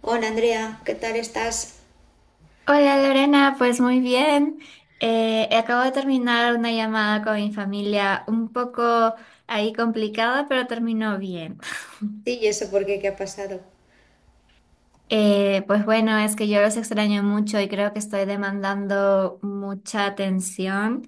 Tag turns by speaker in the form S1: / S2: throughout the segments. S1: Hola Andrea, ¿qué tal estás?
S2: Hola Lorena, pues muy bien. Acabo de terminar una llamada con mi familia un poco ahí complicada, pero terminó bien.
S1: Sí, ¿y eso por qué? ¿Qué ha pasado?
S2: Pues bueno, es que yo los extraño mucho y creo que estoy demandando mucha atención,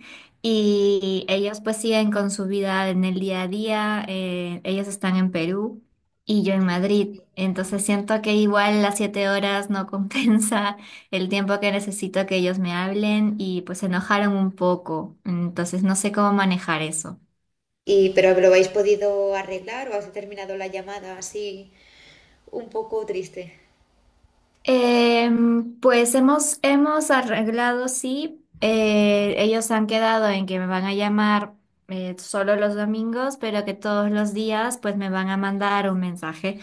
S1: Ujú.
S2: y ellos pues siguen con su vida en el día a día. Ellos están en Perú y yo en Madrid, entonces siento que igual las 7 horas no compensa el tiempo que necesito que ellos me hablen, y pues se enojaron un poco. Entonces no sé cómo manejar eso.
S1: Y, pero lo habéis podido arreglar o has terminado la llamada así un poco triste.
S2: Pues hemos arreglado, sí. Ellos han quedado en que me van a llamar, solo los domingos, pero que todos los días pues me van a mandar un mensaje.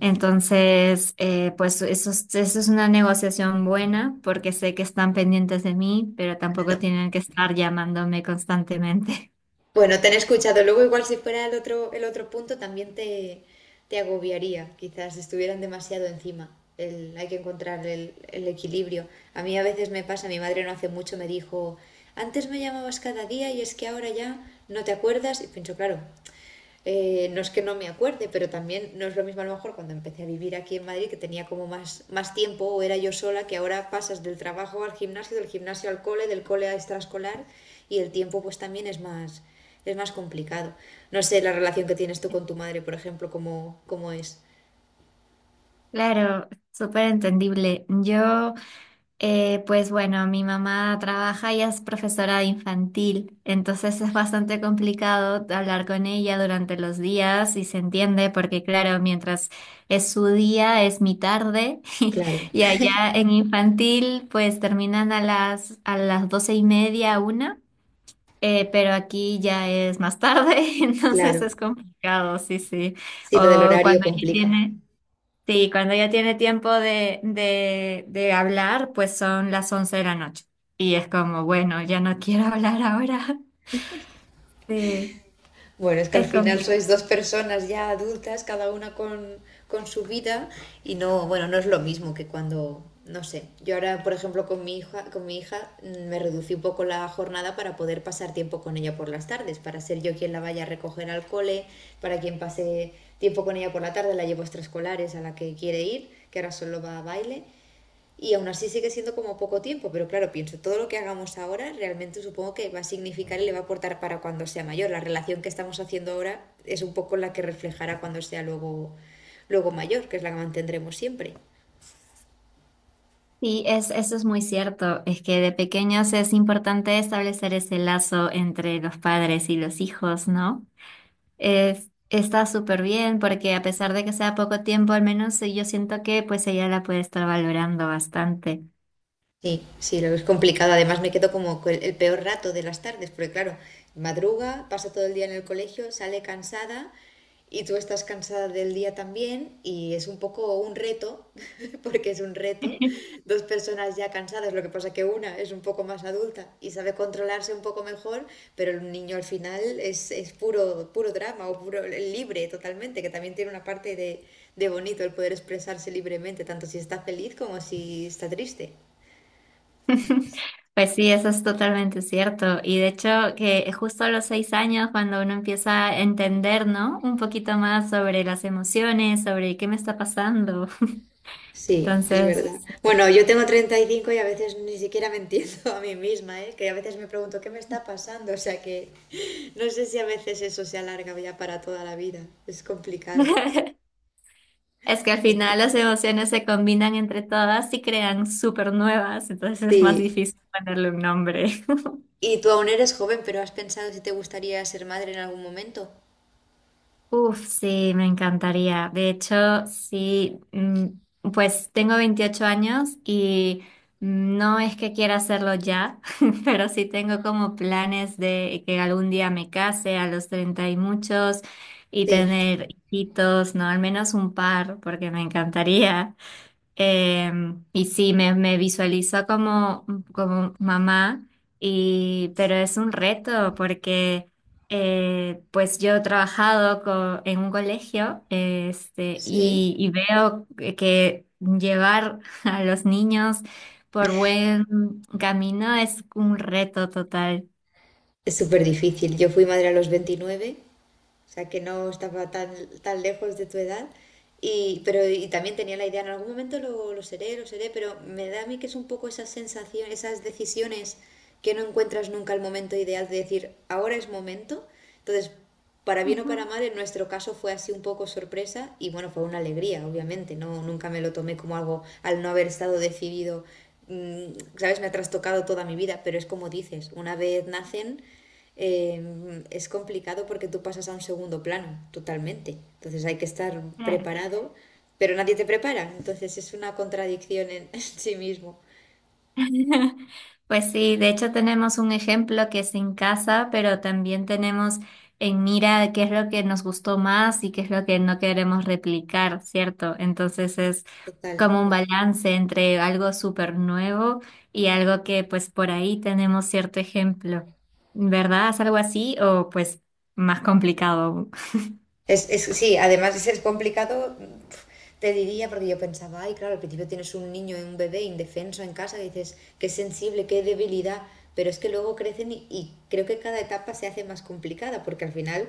S2: Entonces, pues eso, eso es una negociación buena porque sé que están pendientes de mí, pero tampoco
S1: Claro.
S2: tienen que estar llamándome constantemente.
S1: Bueno, te han escuchado. Luego igual si fuera el otro punto también te agobiaría. Quizás estuvieran demasiado encima. Hay que encontrar el equilibrio. A mí a veces me pasa, mi madre no hace mucho me dijo, antes me llamabas cada día y es que ahora ya no te acuerdas. Y pienso, claro, no es que no me acuerde, pero también no es lo mismo a lo mejor cuando empecé a vivir aquí en Madrid, que tenía como más, más tiempo o era yo sola, que ahora pasas del trabajo al gimnasio, del gimnasio al cole, del cole a extraescolar y el tiempo pues también es más complicado. No sé la relación que tienes tú con tu madre, por ejemplo, cómo es.
S2: Claro, súper entendible. Yo... Pues bueno, mi mamá trabaja y es profesora de infantil, entonces es bastante complicado hablar con ella durante los días, y se entiende porque claro, mientras es su día es mi tarde
S1: Claro,
S2: y allá en infantil pues terminan a las 12:30, una. Pero aquí ya es más tarde, entonces
S1: claro.
S2: es complicado, sí, sí.
S1: Sí, lo del
S2: O
S1: horario
S2: cuando ella
S1: complica.
S2: tiene... Sí, cuando ya tiene tiempo de hablar, pues son las 11 de la noche. Y es como, bueno, ya no quiero hablar ahora. Sí,
S1: Bueno, es que al
S2: es
S1: final sois dos
S2: complicado.
S1: personas ya adultas, cada una con su vida, y no, bueno, no es lo mismo que cuando, no sé, yo ahora, por ejemplo, con mi hija me reducí un poco la jornada para poder pasar tiempo con ella por las tardes, para ser yo quien la vaya a recoger al cole, para quien pase tiempo con ella por la tarde, la llevo a extraescolares a la que quiere ir, que ahora solo va a baile, y aún así sigue siendo como poco tiempo, pero claro, pienso, todo lo que hagamos ahora realmente supongo que va a significar y le va a aportar para cuando sea mayor. La relación que estamos haciendo ahora es un poco la que reflejará cuando sea luego mayor, que es la que mantendremos siempre.
S2: Sí, es, eso es muy cierto. Es que de pequeños es importante establecer ese lazo entre los padres y los hijos, ¿no? Es, está súper bien porque a pesar de que sea poco tiempo, al menos yo siento que pues ella la puede estar valorando bastante.
S1: Sí, sí, lo es complicado. Además, me quedo como con el peor rato de las tardes, porque claro, madruga, pasa todo el día en el colegio, sale cansada y tú estás cansada del día también y es un poco un reto, porque es un reto. Dos personas ya cansadas, lo que pasa que una es un poco más adulta y sabe controlarse un poco mejor, pero el niño al final es puro, puro drama o puro libre totalmente, que también tiene una parte de bonito el poder expresarse libremente, tanto si está feliz como si está triste.
S2: Pues sí, eso es totalmente cierto. Y de hecho, que justo a los 6 años, cuando uno empieza a entender, ¿no? Un poquito más sobre las emociones, sobre qué me está pasando.
S1: Sí, es
S2: Entonces,
S1: verdad.
S2: sí.
S1: Bueno, yo tengo 35 y a veces ni siquiera me entiendo a mí misma, ¿eh? Que a veces me pregunto qué me está pasando. O sea que no sé si a veces eso se alarga ya para toda la vida. Es complicado.
S2: Es que al
S1: Es
S2: final las
S1: complicado.
S2: emociones se combinan entre todas y crean súper nuevas, entonces es más
S1: Sí.
S2: difícil ponerle un nombre.
S1: Y tú aún eres joven, pero ¿has pensado si te gustaría ser madre en algún momento?
S2: Uf, sí, me encantaría. De hecho, sí, pues tengo 28 años, y no es que quiera hacerlo ya, pero sí tengo como planes de que algún día me case a los 30 y muchos y
S1: Sí,
S2: tener hijitos, no, al menos un par, porque me encantaría. Y sí, me visualizo como, como mamá. Y pero es un reto porque pues yo he trabajado en un colegio este,
S1: sí.
S2: y veo que llevar a los niños por buen camino es un reto total.
S1: Es súper difícil. Yo fui madre a los 29, o sea que no estaba tan, tan lejos de tu edad. Y, pero, y también tenía la idea, en algún momento lo seré, pero me da a mí que es un poco esa sensación, esas decisiones que no encuentras nunca el momento ideal de decir, ahora es momento. Entonces, para bien o para
S2: Ujú.
S1: mal, en nuestro caso fue así un poco sorpresa y bueno, fue una alegría, obviamente, no nunca me lo tomé como algo al no haber estado decidido, mm, sabes, me ha trastocado toda mi vida, pero es como dices, una vez nacen, es complicado porque tú pasas a un segundo plano totalmente. Entonces hay que estar preparado, pero nadie te prepara. Entonces es una contradicción en, sí mismo,
S2: Pues sí, de hecho tenemos un ejemplo que es en casa, pero también tenemos en mira qué es lo que nos gustó más y qué es lo que no queremos replicar, ¿cierto? Entonces es
S1: total.
S2: como un balance entre algo súper nuevo y algo que pues por ahí tenemos cierto ejemplo, ¿verdad? ¿Es algo así o pues más complicado?
S1: Es, sí, además es complicado, te diría, porque yo pensaba, ay, claro, al principio tienes un niño, un bebé indefenso en casa, y dices, qué sensible, qué debilidad, pero es que luego crecen y creo que cada etapa se hace más complicada, porque al final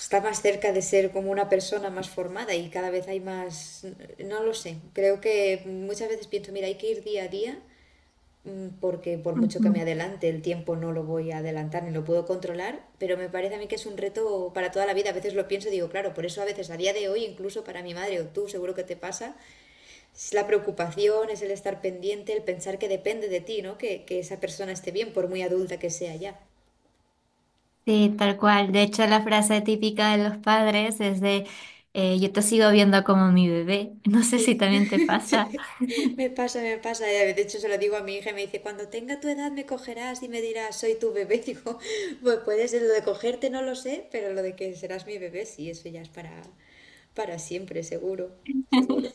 S1: está más cerca de ser como una persona más formada y cada vez hay más, no lo sé, creo que muchas veces pienso, mira, hay que ir día a día mm, porque por mucho que me
S2: ¿Aún?
S1: adelante el tiempo no lo voy a adelantar ni lo puedo controlar, pero me parece a mí que es un reto para toda la vida, a veces lo pienso y digo, claro, por eso a veces a día de hoy, incluso para mi madre o tú, seguro que te pasa, es la preocupación, es el estar pendiente, el pensar que depende de ti, ¿no? Que esa persona esté bien, por muy adulta que sea ya.
S2: Sí, tal cual. De hecho, la frase típica de los padres es de yo te sigo viendo como mi bebé. No sé
S1: Sí,
S2: si también te
S1: sí,
S2: pasa.
S1: me pasa, me pasa. Y a veces... De hecho, se lo digo a mi hija y me dice, cuando tenga tu edad me cogerás y me dirás, soy tu bebé. Digo, pues puede ser lo de cogerte, no lo sé, pero lo de que serás mi bebé, sí, eso ya es para siempre, seguro, seguro.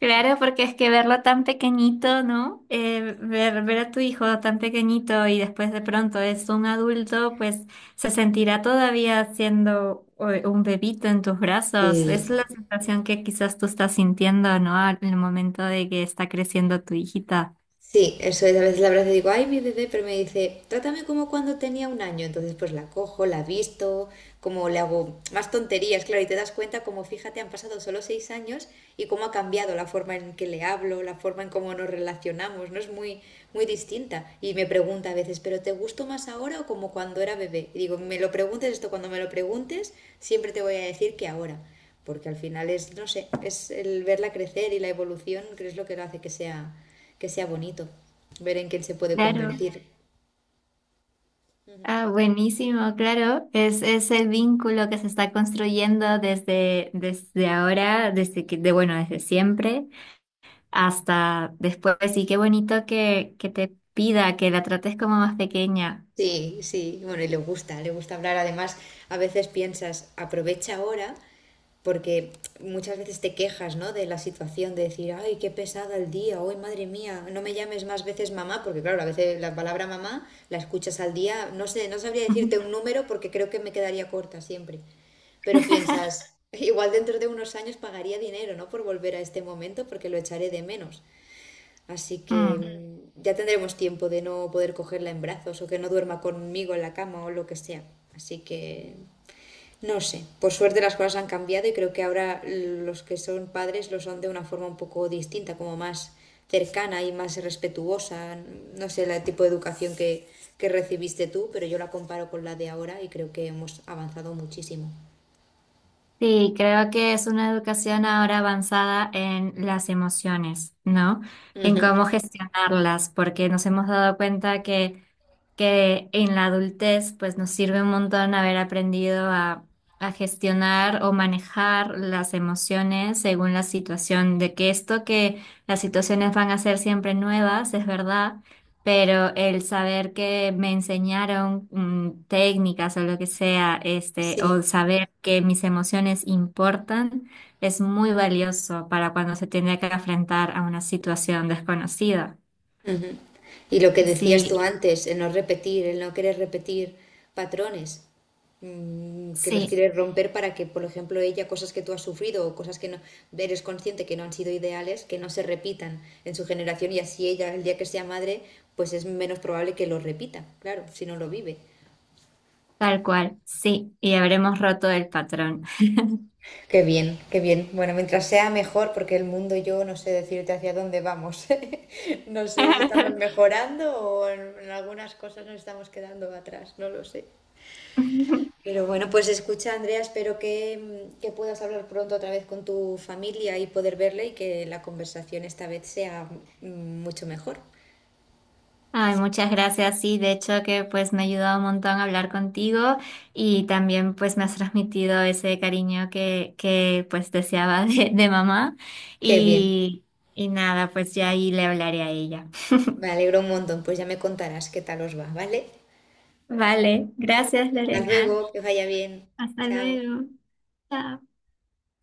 S2: Claro, porque es que verlo tan pequeñito, ¿no? Ver a tu hijo tan pequeñito y después de pronto es un adulto, pues se sentirá todavía siendo un bebito en tus brazos.
S1: Sí,
S2: Es la sensación que quizás tú estás sintiendo, ¿no? En el momento de que está creciendo tu hijita.
S1: sí, eso es. A veces la abrazo y digo, ay, mi bebé, pero me dice, trátame como cuando tenía 1 año. Entonces, pues la cojo, la visto, como le hago más tonterías, claro, y te das cuenta como, fíjate, han pasado solo 6 años y cómo ha cambiado la forma en que le hablo, la forma en cómo nos relacionamos, ¿no? Es muy, muy distinta. Y me pregunta a veces, ¿pero te gusto más ahora o como cuando era bebé? Y digo, me lo preguntes esto, cuando me lo preguntes, siempre te voy a decir que ahora porque al final es, no sé, es el verla crecer y la evolución, que es lo que lo hace que sea bonito, ver en quién se puede
S2: Claro.
S1: convertir.
S2: Ah, buenísimo, claro. Es ese vínculo que se está construyendo desde, desde ahora, desde que, de, bueno, desde siempre hasta después. Y qué bonito que te pida que la trates como más pequeña.
S1: Sí, sí, bueno, y le gusta hablar. Además, a veces piensas, aprovecha ahora, porque muchas veces te quejas, ¿no? De la situación, de decir, ay, qué pesada el día, hoy, madre mía, no me llames más veces mamá, porque claro, a veces la palabra mamá la escuchas al día, no sé, no sabría decirte un número porque creo que me quedaría corta siempre. Pero piensas, igual dentro de unos años pagaría dinero, ¿no? Por volver a este momento porque lo echaré de menos. Así que
S2: Mm.
S1: ya tendremos tiempo de no poder cogerla en brazos o que no duerma conmigo en la cama o lo que sea. Así que no sé. Por suerte las cosas han cambiado y creo que ahora los que son padres lo son de una forma un poco distinta, como más cercana y más respetuosa. No sé el tipo de educación que recibiste tú, pero yo la comparo con la de ahora y creo que hemos avanzado muchísimo.
S2: Sí, creo que es una educación ahora avanzada en las emociones, ¿no? En
S1: Ujú.
S2: cómo gestionarlas, porque nos hemos dado cuenta que en la adultez pues nos sirve un montón haber aprendido a gestionar o manejar las emociones según la situación, de que esto que las situaciones van a ser siempre nuevas, es verdad, pero el saber que me enseñaron técnicas o lo que sea, este, o
S1: Sí.
S2: saber que mis emociones importan, es muy valioso para cuando se tiene que enfrentar a una situación desconocida.
S1: Y lo que decías
S2: Sí,
S1: tú antes, el no repetir, el no querer repetir patrones, mm, que los
S2: sí,
S1: quieres romper para que, por ejemplo, ella, cosas que tú has sufrido o cosas que no eres consciente que no han sido ideales, que no se repitan en su generación y así ella, el día que sea madre, pues es menos probable que lo repita, claro, si no lo vive.
S2: tal cual, sí, y habremos roto el patrón.
S1: Qué bien, qué bien. Bueno, mientras sea mejor, porque el mundo yo no sé decirte hacia dónde vamos. No sé si estamos mejorando o en algunas cosas nos estamos quedando atrás, no lo sé. Pero bueno, pues escucha, Andrea, espero que, que puedas hablar pronto otra vez con tu familia y poder verle y que la conversación esta vez sea mm, mucho mejor.
S2: Ay, muchas gracias. Sí, de hecho que pues me ha ayudado un montón a hablar contigo, y también pues me has transmitido ese cariño que pues deseaba de mamá.
S1: Qué bien,
S2: Y, y nada, pues ya ahí le hablaré a ella.
S1: me alegro un montón, pues ya me contarás qué tal os va, ¿vale?
S2: Vale, gracias
S1: Hasta
S2: Lorena.
S1: luego, que vaya bien,
S2: Hasta
S1: chao.
S2: luego. Chao.